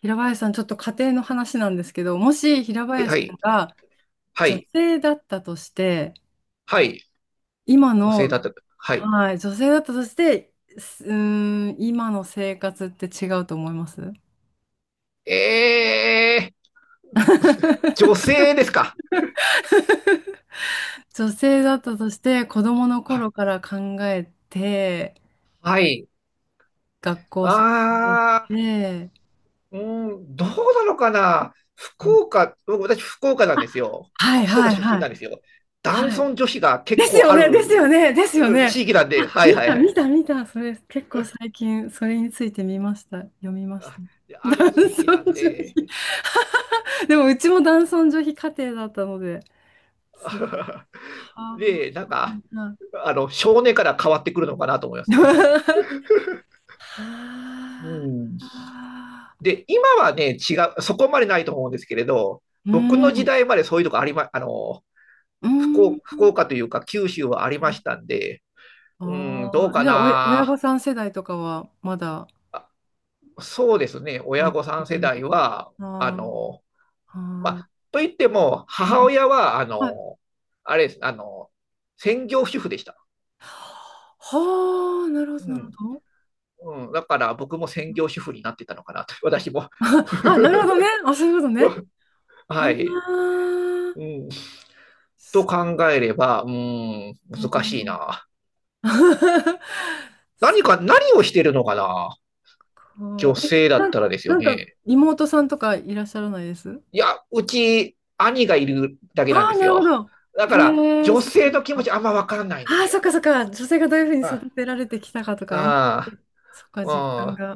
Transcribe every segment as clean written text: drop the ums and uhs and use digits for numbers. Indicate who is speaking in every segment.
Speaker 1: 平林さん、ちょっと家庭の話なんですけど、もし平
Speaker 2: はい、
Speaker 1: 林
Speaker 2: は
Speaker 1: さん
Speaker 2: い、
Speaker 1: が
Speaker 2: は
Speaker 1: 女
Speaker 2: い、
Speaker 1: 性だったとして、
Speaker 2: はい、
Speaker 1: 今
Speaker 2: 女性
Speaker 1: の、
Speaker 2: だった。はい。
Speaker 1: はい、女性だったとして、すうーん、今の生活って違うと思います？
Speaker 2: えー、女性ですか。
Speaker 1: 女性だったとして、子供の
Speaker 2: はい。
Speaker 1: 頃から考えて、
Speaker 2: はい。
Speaker 1: 学校卒業し
Speaker 2: あ
Speaker 1: て、
Speaker 2: ー、うん、どうなのかな。福岡、僕私福岡なんですよ。
Speaker 1: はい
Speaker 2: 福岡
Speaker 1: はい
Speaker 2: 出身
Speaker 1: は
Speaker 2: な
Speaker 1: い。
Speaker 2: んですよ。男
Speaker 1: はい。
Speaker 2: 尊女卑が結
Speaker 1: です
Speaker 2: 構
Speaker 1: よ
Speaker 2: あ
Speaker 1: ね、です
Speaker 2: る
Speaker 1: よね、ですよ
Speaker 2: う
Speaker 1: ね。
Speaker 2: 地域なんで、はい
Speaker 1: 見
Speaker 2: はい
Speaker 1: た、
Speaker 2: はい。
Speaker 1: 見た、見た。それ、結構最近、それについて見ました。読みました。
Speaker 2: あで、ある
Speaker 1: 男
Speaker 2: 地域な
Speaker 1: 尊
Speaker 2: ん
Speaker 1: 女
Speaker 2: で、
Speaker 1: 卑。でも、うちも男尊女卑家庭だったので、すごい。はあ。
Speaker 2: で、なん
Speaker 1: は
Speaker 2: か、
Speaker 1: いは
Speaker 2: 少年から変わってくるのかなと思います
Speaker 1: い
Speaker 2: ね。う
Speaker 1: は
Speaker 2: ん。
Speaker 1: あ。
Speaker 2: で、今はね、違う、そこまでないと思うんですけれど、
Speaker 1: う
Speaker 2: 僕の時
Speaker 1: ん。
Speaker 2: 代までそういうとこありま、あの、
Speaker 1: う
Speaker 2: 福
Speaker 1: ん。
Speaker 2: 岡、福岡というか九州はありましたんで、うん、どう
Speaker 1: ああ。
Speaker 2: か
Speaker 1: じゃあ、おや親
Speaker 2: な。
Speaker 1: 御さん世代とかは、まだ、
Speaker 2: あそうですね、親
Speaker 1: 目
Speaker 2: 御さん世
Speaker 1: 的に。
Speaker 2: 代は、あ
Speaker 1: あ
Speaker 2: の、
Speaker 1: あ。
Speaker 2: ま
Speaker 1: は
Speaker 2: あ、と言っても、
Speaker 1: い。う
Speaker 2: 母
Speaker 1: ん
Speaker 2: 親は、
Speaker 1: あ
Speaker 2: あれです、専業主婦でした。
Speaker 1: はあ、なる
Speaker 2: う
Speaker 1: ほど、なる
Speaker 2: ん。
Speaker 1: ほど。
Speaker 2: うん、だから僕も専業主婦になってたのかなと、私も。
Speaker 1: あ、なるほどね。あ、そういうことね。は
Speaker 2: はい。う
Speaker 1: あ、
Speaker 2: ん、と
Speaker 1: そ
Speaker 2: 考えれば、うん、難しい
Speaker 1: う。
Speaker 2: な。何をしてるのかな、
Speaker 1: こ
Speaker 2: 女
Speaker 1: う、え、
Speaker 2: 性だ
Speaker 1: な
Speaker 2: っ
Speaker 1: ん、
Speaker 2: たらです
Speaker 1: な
Speaker 2: よ
Speaker 1: んか、
Speaker 2: ね。
Speaker 1: 妹さんとかいらっしゃらないです
Speaker 2: いや、うち、兄がいるだけ
Speaker 1: あ
Speaker 2: なんで
Speaker 1: あ、
Speaker 2: す
Speaker 1: なるほ
Speaker 2: よ。
Speaker 1: ど。
Speaker 2: だから、
Speaker 1: へえ、
Speaker 2: 女
Speaker 1: そっか
Speaker 2: 性
Speaker 1: そ
Speaker 2: の
Speaker 1: っ
Speaker 2: 気持ち
Speaker 1: か。
Speaker 2: あんまわからないんで
Speaker 1: あ
Speaker 2: す
Speaker 1: あ、そっ
Speaker 2: よ。
Speaker 1: かそっか。女性がどういうふうに
Speaker 2: あ
Speaker 1: 育てられてきたかとか。
Speaker 2: あ、
Speaker 1: そっか、実
Speaker 2: あ
Speaker 1: 感
Speaker 2: あ、
Speaker 1: が。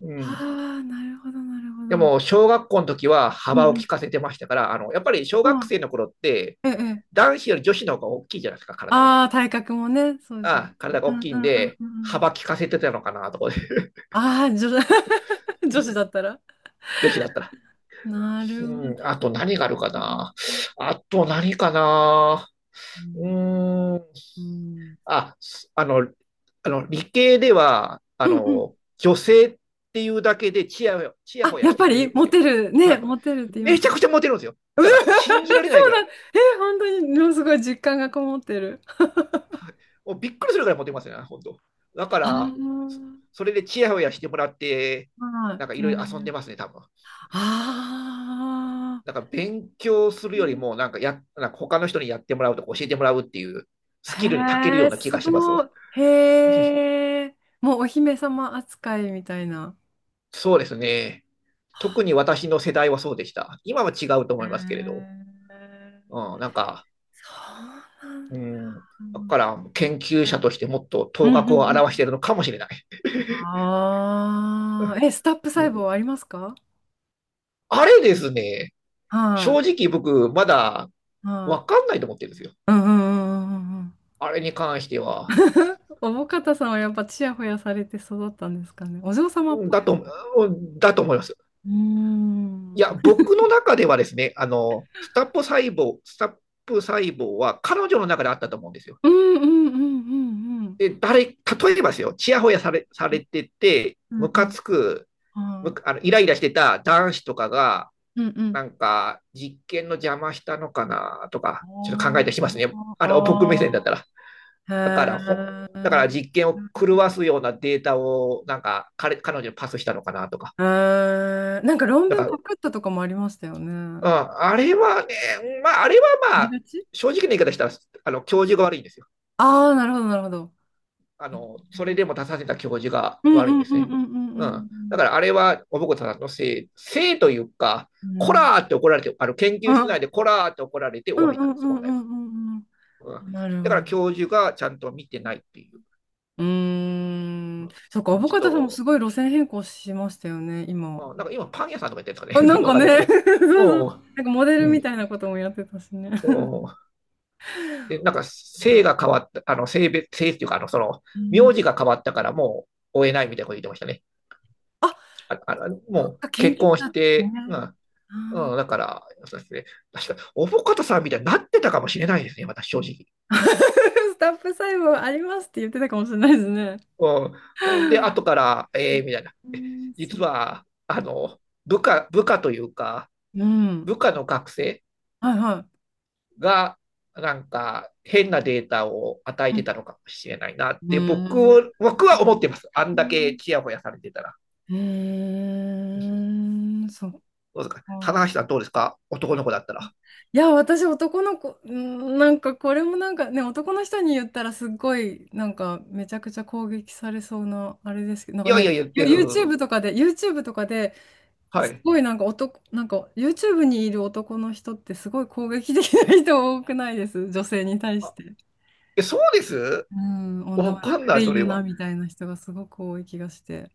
Speaker 2: う
Speaker 1: あ
Speaker 2: ん。
Speaker 1: あ、なるほど、なるほ
Speaker 2: でも、
Speaker 1: ど。
Speaker 2: 小学校の時は
Speaker 1: うん
Speaker 2: 幅を
Speaker 1: うん。
Speaker 2: 利かせてましたから、やっぱり小
Speaker 1: う
Speaker 2: 学
Speaker 1: ん
Speaker 2: 生の頃って、
Speaker 1: ええ。ええ
Speaker 2: 男子より女子の方が大きいじゃないですか、体が。
Speaker 1: ああ、体格もね、そうですよ
Speaker 2: ああ、
Speaker 1: ね。
Speaker 2: 体が
Speaker 1: う
Speaker 2: 大
Speaker 1: んうん
Speaker 2: きいん
Speaker 1: うん
Speaker 2: で、
Speaker 1: うんうん。
Speaker 2: 幅利かせてたのかな、とかで。
Speaker 1: ああ、女、女子だ ったら。
Speaker 2: 女子だったら。
Speaker 1: なるほど
Speaker 2: う
Speaker 1: ね。
Speaker 2: ん、あと何があるかな。あと何かな。
Speaker 1: う
Speaker 2: う
Speaker 1: ん、
Speaker 2: ーん。
Speaker 1: うん、
Speaker 2: あ、あの、理系では、
Speaker 1: うんうん
Speaker 2: 女性っていうだけでチヤ
Speaker 1: あ、
Speaker 2: ホヤ
Speaker 1: やっ
Speaker 2: して
Speaker 1: ぱ
Speaker 2: くれるん
Speaker 1: り
Speaker 2: です
Speaker 1: モ
Speaker 2: よ。
Speaker 1: テる、
Speaker 2: は
Speaker 1: ね、
Speaker 2: い。
Speaker 1: モテるって言いま
Speaker 2: め
Speaker 1: す。
Speaker 2: ち
Speaker 1: うん
Speaker 2: ゃくちゃモテるんですよ。だ
Speaker 1: そ
Speaker 2: か
Speaker 1: う
Speaker 2: ら、信じられないぐら
Speaker 1: だ。
Speaker 2: い。
Speaker 1: え、本当に、ものすごい実感がこもってる。
Speaker 2: もうびっくりするぐらいモテますよね、本当。だから、
Speaker 1: あ
Speaker 2: そそれでチヤホヤしてもらって、
Speaker 1: あ、はい。
Speaker 2: なんかいろ
Speaker 1: 天
Speaker 2: い
Speaker 1: 狗
Speaker 2: ろ
Speaker 1: に
Speaker 2: 遊ん
Speaker 1: なっ
Speaker 2: でま
Speaker 1: て
Speaker 2: すね、多分。
Speaker 1: ああ、
Speaker 2: なんか勉強するよりも、なんかや、なんか他の人にやってもらうとか教えてもらうっていうスキルに長ける
Speaker 1: へ
Speaker 2: よう
Speaker 1: え、
Speaker 2: な気
Speaker 1: す
Speaker 2: がします
Speaker 1: ご
Speaker 2: わ。
Speaker 1: い。へ え、もうお姫様扱いみたいな。
Speaker 2: そうですね。特に私の世代はそうでした。今は違うと
Speaker 1: へ
Speaker 2: 思いますけれど。
Speaker 1: え、
Speaker 2: うん、なんか、
Speaker 1: そうなん
Speaker 2: うん。だから研究者
Speaker 1: だ。
Speaker 2: としてもっと
Speaker 1: う
Speaker 2: 頭
Speaker 1: んう
Speaker 2: 角を
Speaker 1: んうん
Speaker 2: 表しているのかもしれない。
Speaker 1: ああ、え、スタップ細胞ありますか？
Speaker 2: あれですね、
Speaker 1: は
Speaker 2: 正
Speaker 1: い、
Speaker 2: 直僕まだ
Speaker 1: は
Speaker 2: わ
Speaker 1: い。
Speaker 2: かんないと思ってるんですよ。
Speaker 1: うんうんうんうんうん
Speaker 2: あれに関しては。
Speaker 1: おぼかたさんはやっぱちやほやされて育ったんですかね。お嬢様っぽい
Speaker 2: だ
Speaker 1: で
Speaker 2: と、
Speaker 1: すね。
Speaker 2: だと思います。
Speaker 1: うー
Speaker 2: い
Speaker 1: ん。
Speaker 2: や、
Speaker 1: うん
Speaker 2: 僕の中ではですね、スタップ細胞は彼女の中であったと思うんですよ。
Speaker 1: うんうんうんうん。
Speaker 2: で、例えばですよ、ちやほやされてて、
Speaker 1: うん
Speaker 2: ム
Speaker 1: う
Speaker 2: カ
Speaker 1: ん。
Speaker 2: つく、む
Speaker 1: は
Speaker 2: あの、イライラしてた男子とかが、
Speaker 1: い。うんうん。
Speaker 2: なんか、実験の邪魔したのかなと
Speaker 1: あ
Speaker 2: か、ちょっと考えたりしますね。
Speaker 1: ー
Speaker 2: 僕目線だっ
Speaker 1: あ
Speaker 2: たら。だか
Speaker 1: ー。
Speaker 2: ら、
Speaker 1: へ
Speaker 2: ほ、だから
Speaker 1: ー
Speaker 2: 実験を狂わすようなデータを、なんか、彼女にパスしたのかなとか。
Speaker 1: へーなんか論
Speaker 2: だ
Speaker 1: 文
Speaker 2: か
Speaker 1: パ
Speaker 2: ら、
Speaker 1: クったとかもありましたよ
Speaker 2: う
Speaker 1: ね。
Speaker 2: ん、あれはね、まあ、あれは
Speaker 1: あ
Speaker 2: ま
Speaker 1: り
Speaker 2: あ、
Speaker 1: がち
Speaker 2: 正直な言い方したら、教授が悪いんですよ。
Speaker 1: ああー、なるほど、なるほど。
Speaker 2: それでも出させた教授が
Speaker 1: うんうん
Speaker 2: 悪いんで
Speaker 1: う
Speaker 2: す
Speaker 1: ん
Speaker 2: ね。
Speaker 1: うんう
Speaker 2: うん。だから
Speaker 1: ん
Speaker 2: あれは、おぼこさんのせいというか、
Speaker 1: うん。
Speaker 2: こ
Speaker 1: うん。
Speaker 2: らーって怒られて、研究室内でこらーって怒られて終
Speaker 1: うん
Speaker 2: わ
Speaker 1: う
Speaker 2: りな
Speaker 1: ん
Speaker 2: んです
Speaker 1: う
Speaker 2: よ、
Speaker 1: ん
Speaker 2: 本
Speaker 1: う
Speaker 2: 来
Speaker 1: んうん
Speaker 2: は。う
Speaker 1: う
Speaker 2: ん。
Speaker 1: ん。なる
Speaker 2: だ
Speaker 1: ほ
Speaker 2: から
Speaker 1: ど。
Speaker 2: 教授がちゃんと見てないっていう。
Speaker 1: うーん。そっか、ア
Speaker 2: うん、
Speaker 1: ボ
Speaker 2: ちょっ
Speaker 1: カドさんもす
Speaker 2: と、
Speaker 1: ごい路線変更しましたよね、今。
Speaker 2: うん、なんか今パン屋さんとか言ってるんです
Speaker 1: あ、
Speaker 2: かね。な
Speaker 1: な
Speaker 2: ん
Speaker 1: ん
Speaker 2: かわ
Speaker 1: か
Speaker 2: かん
Speaker 1: ね、
Speaker 2: ないですけ ど。
Speaker 1: そうそう。
Speaker 2: も
Speaker 1: なんかモデ
Speaker 2: う、
Speaker 1: ル
Speaker 2: う
Speaker 1: み
Speaker 2: ん。
Speaker 1: たいなこともやってたしね。
Speaker 2: うん、で、なんか性が変わった、性別、性っていうか、
Speaker 1: う
Speaker 2: 名
Speaker 1: ん。
Speaker 2: 字が変わったからもう追えないみたいなこと言ってましたね。
Speaker 1: あ、
Speaker 2: ああ、
Speaker 1: そっ
Speaker 2: もう
Speaker 1: か、研
Speaker 2: 結
Speaker 1: 究
Speaker 2: 婚し
Speaker 1: 者って
Speaker 2: て、う
Speaker 1: ね。
Speaker 2: ん、
Speaker 1: あー
Speaker 2: うん、だから、そうですね、確か、おぼかたさんみたいになってたかもしれないですね、私、正直。
Speaker 1: スタッフ細胞ありますって言ってたかもしれないですね。
Speaker 2: うん、で、後から、ええー、みたいな。
Speaker 1: うん、そ
Speaker 2: 実
Speaker 1: っ
Speaker 2: は、
Speaker 1: か。
Speaker 2: 部下というか、
Speaker 1: うん。
Speaker 2: 部下の学生
Speaker 1: はいは
Speaker 2: が、なんか変なデータを与えて
Speaker 1: い。
Speaker 2: たのかもしれないなっ
Speaker 1: う
Speaker 2: て僕
Speaker 1: ん。
Speaker 2: は僕は思ってます。あん
Speaker 1: う
Speaker 2: だけ
Speaker 1: ん
Speaker 2: ちやほやされてたら。
Speaker 1: へえ、そっか。
Speaker 2: どうですか、棚橋さん、どうですか、男の子だったら。
Speaker 1: いや、私男の子、うんなんかこれもなんかね、男の人に言ったらすっごい、なんかめちゃくちゃ攻撃されそうな、あれですけど、なん
Speaker 2: い
Speaker 1: か
Speaker 2: やいや
Speaker 1: ね、
Speaker 2: 言って
Speaker 1: ユ
Speaker 2: る。
Speaker 1: YouTube とかで、YouTube とかで、
Speaker 2: は
Speaker 1: す
Speaker 2: い。
Speaker 1: ごいなんか男、なんか YouTube にいる男の人ってすごい攻撃的な人多くないです女性に対し
Speaker 2: あ、
Speaker 1: て。
Speaker 2: そうです、
Speaker 1: うん、女
Speaker 2: わ
Speaker 1: は
Speaker 2: かん
Speaker 1: 楽
Speaker 2: ない、
Speaker 1: でい
Speaker 2: そ
Speaker 1: い
Speaker 2: れ
Speaker 1: よな、
Speaker 2: は。
Speaker 1: みたいな人がすごく多い気がして。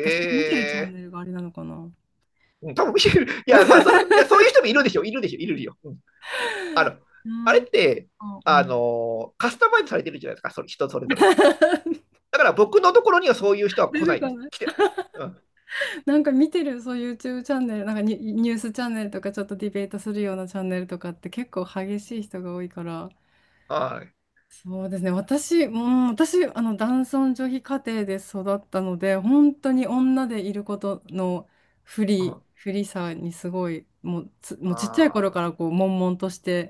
Speaker 1: 私が見てるチャン
Speaker 2: え
Speaker 1: ネルがあれなのかな。
Speaker 2: ー、うん、多分見てる。いや、まあ、いや、そういう人もいるでしょ。いるでしょ。いるよ。うん。あの、
Speaker 1: う
Speaker 2: あれ
Speaker 1: んうん
Speaker 2: って、
Speaker 1: う
Speaker 2: あ
Speaker 1: ん。
Speaker 2: のカスタマイズされてるじゃないですか。それ、人それぞれ。だから僕のところにはそういう人は
Speaker 1: 出
Speaker 2: 来な
Speaker 1: て
Speaker 2: い
Speaker 1: こ
Speaker 2: です。
Speaker 1: ない
Speaker 2: うん。
Speaker 1: なんか見てる、そう YouTube チャンネル、なんかニュースチャンネルとかちょっとディベートするようなチャンネルとかって結構激しい人が多いから、
Speaker 2: はい。
Speaker 1: そうですね、私、うん、私、あの、男尊女卑家庭で育ったので、本当に女でいることの
Speaker 2: うん。
Speaker 1: 不利さにすごい、もうちっちゃい
Speaker 2: あ
Speaker 1: 頃か
Speaker 2: あ、
Speaker 1: らこう、悶々として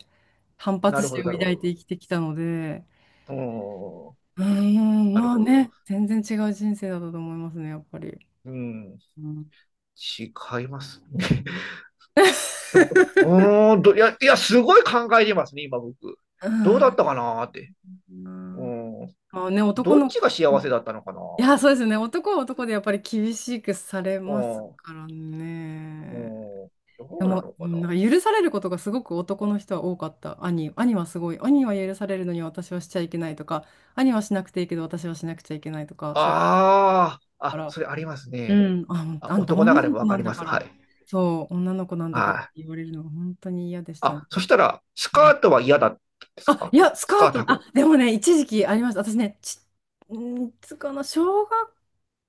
Speaker 1: 反
Speaker 2: な
Speaker 1: 発
Speaker 2: るほど、
Speaker 1: 心を
Speaker 2: なるほ
Speaker 1: 抱い
Speaker 2: ど。
Speaker 1: て生きてきたので、
Speaker 2: うん。
Speaker 1: うん、
Speaker 2: なる
Speaker 1: まあ
Speaker 2: ほど。
Speaker 1: ね、全然違う人生だったと思いますね、やっぱり。
Speaker 2: うん。
Speaker 1: うん
Speaker 2: 違いますね。でも、うー んと、いや、いや、すごい考えてますね、今僕。
Speaker 1: う
Speaker 2: どうだっ
Speaker 1: ん。
Speaker 2: たかなーって。
Speaker 1: う
Speaker 2: う
Speaker 1: ん
Speaker 2: ん。
Speaker 1: まあね、男
Speaker 2: どっ
Speaker 1: の子
Speaker 2: ちが幸せ
Speaker 1: も、
Speaker 2: だったのかな
Speaker 1: い
Speaker 2: ー
Speaker 1: や、
Speaker 2: と
Speaker 1: そうで
Speaker 2: ね。
Speaker 1: すね、男は男でやっぱり厳しくされます
Speaker 2: う
Speaker 1: からね。
Speaker 2: ん。うん。ど
Speaker 1: で
Speaker 2: うな
Speaker 1: も、
Speaker 2: の
Speaker 1: う
Speaker 2: かな。
Speaker 1: んなんか許されることがすごく男の人は多かった。兄はすごい。兄は許されるのに私はしちゃいけないとか、兄はしなくていいけど私はしなくちゃいけないとか、そういうこと
Speaker 2: ああ、
Speaker 1: だか
Speaker 2: あ、
Speaker 1: ら、
Speaker 2: それあります
Speaker 1: う
Speaker 2: ね。
Speaker 1: ん、あ、
Speaker 2: あ、
Speaker 1: あんた
Speaker 2: 男な
Speaker 1: 女
Speaker 2: がら
Speaker 1: の
Speaker 2: も
Speaker 1: 子
Speaker 2: わか
Speaker 1: なん
Speaker 2: り
Speaker 1: だ
Speaker 2: ます。
Speaker 1: か
Speaker 2: は
Speaker 1: ら、
Speaker 2: い。
Speaker 1: そう、女の子なんだからっ
Speaker 2: は
Speaker 1: て
Speaker 2: い。
Speaker 1: 言われるのが本当に嫌でしたね。
Speaker 2: あ、そしたら、スカートは嫌だったんですか？
Speaker 1: いや、ス
Speaker 2: ス
Speaker 1: カ
Speaker 2: カ
Speaker 1: ー
Speaker 2: ー
Speaker 1: ト、
Speaker 2: ト履く
Speaker 1: あ、
Speaker 2: の。
Speaker 1: でもね、一時期ありました。私ね、んーつかな、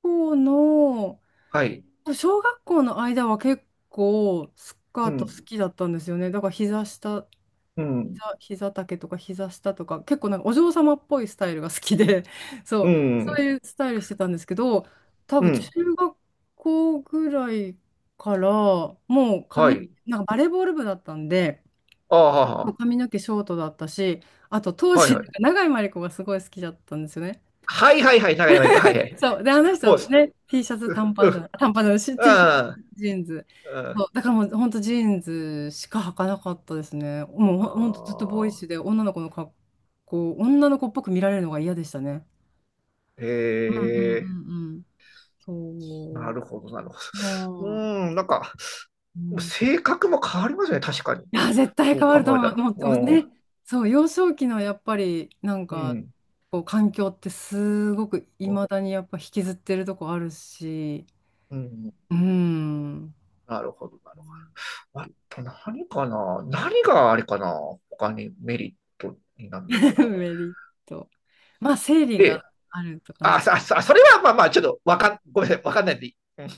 Speaker 1: 校の、
Speaker 2: はい。
Speaker 1: 小学校の間は結構スカ
Speaker 2: う
Speaker 1: ート好
Speaker 2: ん。
Speaker 1: きだったんですよね。だから
Speaker 2: うん。
Speaker 1: 膝丈とか膝下とか、結構なんかお嬢様っぽいスタイルが好きで、
Speaker 2: う
Speaker 1: そう、
Speaker 2: ん。
Speaker 1: そういうスタイルしてたんですけど、多
Speaker 2: う
Speaker 1: 分中
Speaker 2: ん。
Speaker 1: 学校ぐらいから、もう
Speaker 2: は
Speaker 1: 髪、
Speaker 2: い。
Speaker 1: なんかバレーボール部だったんで、
Speaker 2: あ
Speaker 1: も
Speaker 2: あ、
Speaker 1: う髪の毛ショートだったし、あと当
Speaker 2: はい
Speaker 1: 時、
Speaker 2: はい。
Speaker 1: 長井真理子がすごい好きだったんですよね。
Speaker 2: はいはいはい、長山行く。はいはい。
Speaker 1: そう。で、あの
Speaker 2: もう、
Speaker 1: 人ね、T シャツ
Speaker 2: う、
Speaker 1: 短パンじゃな
Speaker 2: う、
Speaker 1: い、短パンじゃないし、
Speaker 2: う
Speaker 1: T シャツ
Speaker 2: ん。
Speaker 1: ジーンズ。
Speaker 2: う
Speaker 1: そ
Speaker 2: ん。
Speaker 1: う。だからもう本当ジーンズしか履かなかったですね。もう
Speaker 2: あ
Speaker 1: ほんとずっとボーイッ
Speaker 2: あ、
Speaker 1: シュで女の子っぽく見られるのが嫌でしたね。う
Speaker 2: へ
Speaker 1: んう
Speaker 2: え、
Speaker 1: ん。そう。
Speaker 2: なるほど、なるほど。うーん、なんか、性格も変わりますね、確かに。
Speaker 1: いや、絶対
Speaker 2: そ
Speaker 1: 変
Speaker 2: う
Speaker 1: わると
Speaker 2: 考えた
Speaker 1: 思う。
Speaker 2: ら。
Speaker 1: もう
Speaker 2: う
Speaker 1: お
Speaker 2: ん、
Speaker 1: ね、そう、幼少期のやっぱりなん
Speaker 2: う
Speaker 1: か、
Speaker 2: ん、
Speaker 1: こう環境ってすごくいまだにやっぱ引きずってるとこあるし、
Speaker 2: うん、
Speaker 1: うーん。
Speaker 2: なるほど、なるほど。あと何かな、何があれかな、他にメリットになるのかな？
Speaker 1: メリット。まあ、生理
Speaker 2: で、
Speaker 1: があるとかな
Speaker 2: あ、
Speaker 1: い。
Speaker 2: さ、さ、それはまあまあ、ちょっとわかん、ごめんなさい、わかんないんで、うん、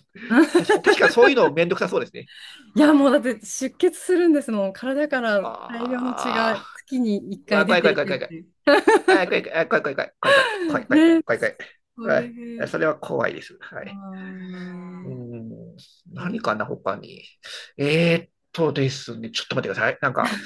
Speaker 2: 確か、確かそういうのめんどくさそうですね。
Speaker 1: いや、もうだって出血するんですもん。体から大量の血が
Speaker 2: ああ、
Speaker 1: 月に1回
Speaker 2: わ、
Speaker 1: 出
Speaker 2: 怖い怖
Speaker 1: て
Speaker 2: い
Speaker 1: い
Speaker 2: 怖い
Speaker 1: くっ
Speaker 2: 怖
Speaker 1: て
Speaker 2: い。
Speaker 1: いう。
Speaker 2: あ、怖い、あ、怖い、怖い、怖い、怖い、怖い、怖い、
Speaker 1: ね、
Speaker 2: 怖い、怖い、
Speaker 1: そ
Speaker 2: 怖
Speaker 1: れ
Speaker 2: い。あ、そ
Speaker 1: で。
Speaker 2: れは怖いです。は
Speaker 1: あ
Speaker 2: い。うー
Speaker 1: ー
Speaker 2: ん、何かな、他に。ですね、ちょっと待ってください。なんか、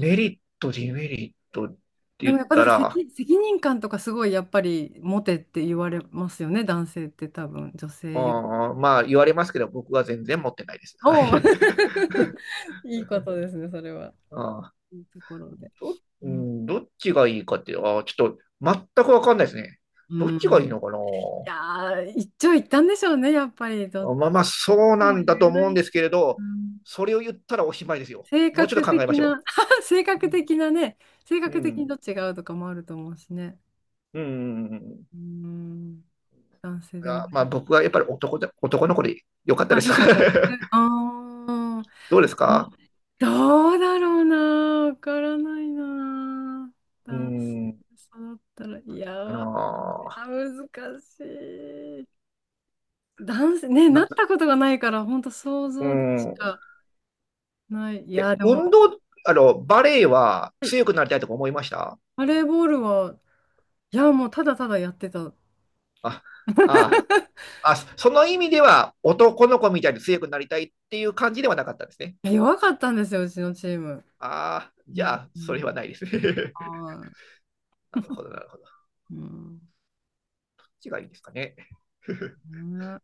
Speaker 2: メリット、デメリットって
Speaker 1: でも
Speaker 2: 言っ
Speaker 1: やっぱだ
Speaker 2: た
Speaker 1: から
Speaker 2: ら、
Speaker 1: 責任感とかすごいやっぱり持てって言われますよね、男性って多分、女
Speaker 2: う
Speaker 1: 性より。
Speaker 2: ーん、まあ、言われますけど、僕は全然持ってないです。は
Speaker 1: おお
Speaker 2: い。
Speaker 1: いいこと ですね、それは。
Speaker 2: あ
Speaker 1: いいところで。う
Speaker 2: う
Speaker 1: ん、
Speaker 2: ん、どっちがいいかって、ちょっと、全くわかんないですね。
Speaker 1: う
Speaker 2: どっちがいい
Speaker 1: んい
Speaker 2: のかな、
Speaker 1: やー、一長一短でしょうね、やっぱり。どっち
Speaker 2: まあまあ、そう
Speaker 1: と
Speaker 2: な
Speaker 1: も
Speaker 2: ん
Speaker 1: 言
Speaker 2: だと
Speaker 1: えな
Speaker 2: 思うん
Speaker 1: い
Speaker 2: で
Speaker 1: し。
Speaker 2: すけれ
Speaker 1: う
Speaker 2: ど、
Speaker 1: ん、
Speaker 2: それを言ったらおしまいですよ。
Speaker 1: 性
Speaker 2: もうちょっ
Speaker 1: 格
Speaker 2: と考えま
Speaker 1: 的
Speaker 2: しょ
Speaker 1: な、性格的なね、性
Speaker 2: う。う
Speaker 1: 格的に
Speaker 2: ん。
Speaker 1: どっちが合うとかもあると思うしね。
Speaker 2: うん。うん、
Speaker 1: うん、男性でも
Speaker 2: ま
Speaker 1: あ
Speaker 2: あ、僕はやっぱり男で、男の子でよかったです。
Speaker 1: よかったです。あー
Speaker 2: どうです
Speaker 1: あ、
Speaker 2: か？
Speaker 1: どうだろうな、わからないな。
Speaker 2: う
Speaker 1: 男性
Speaker 2: ん。
Speaker 1: で育ったら、いや、
Speaker 2: かな
Speaker 1: わいや、
Speaker 2: あ
Speaker 1: 難しい。男性、ね、なっ
Speaker 2: な、
Speaker 1: たことがないから、本当想
Speaker 2: う
Speaker 1: 像でし
Speaker 2: ん。
Speaker 1: かない。い
Speaker 2: え、
Speaker 1: や、でも。
Speaker 2: 運動、バレエは強くなりたいとか思いました？
Speaker 1: バレーボールは、いや、もうただただやってた。
Speaker 2: あ、あ、その意味では男の子みたいに強くなりたいっていう感じではなかったんですね。
Speaker 1: いや弱かったんですよ、うちのチーム。
Speaker 2: ああ、
Speaker 1: う
Speaker 2: じゃ
Speaker 1: ん
Speaker 2: あ、
Speaker 1: う
Speaker 2: それ
Speaker 1: ん
Speaker 2: はないです。
Speaker 1: は
Speaker 2: なるほど、なるほど。
Speaker 1: い。うん。
Speaker 2: ちがいいですかね。
Speaker 1: ね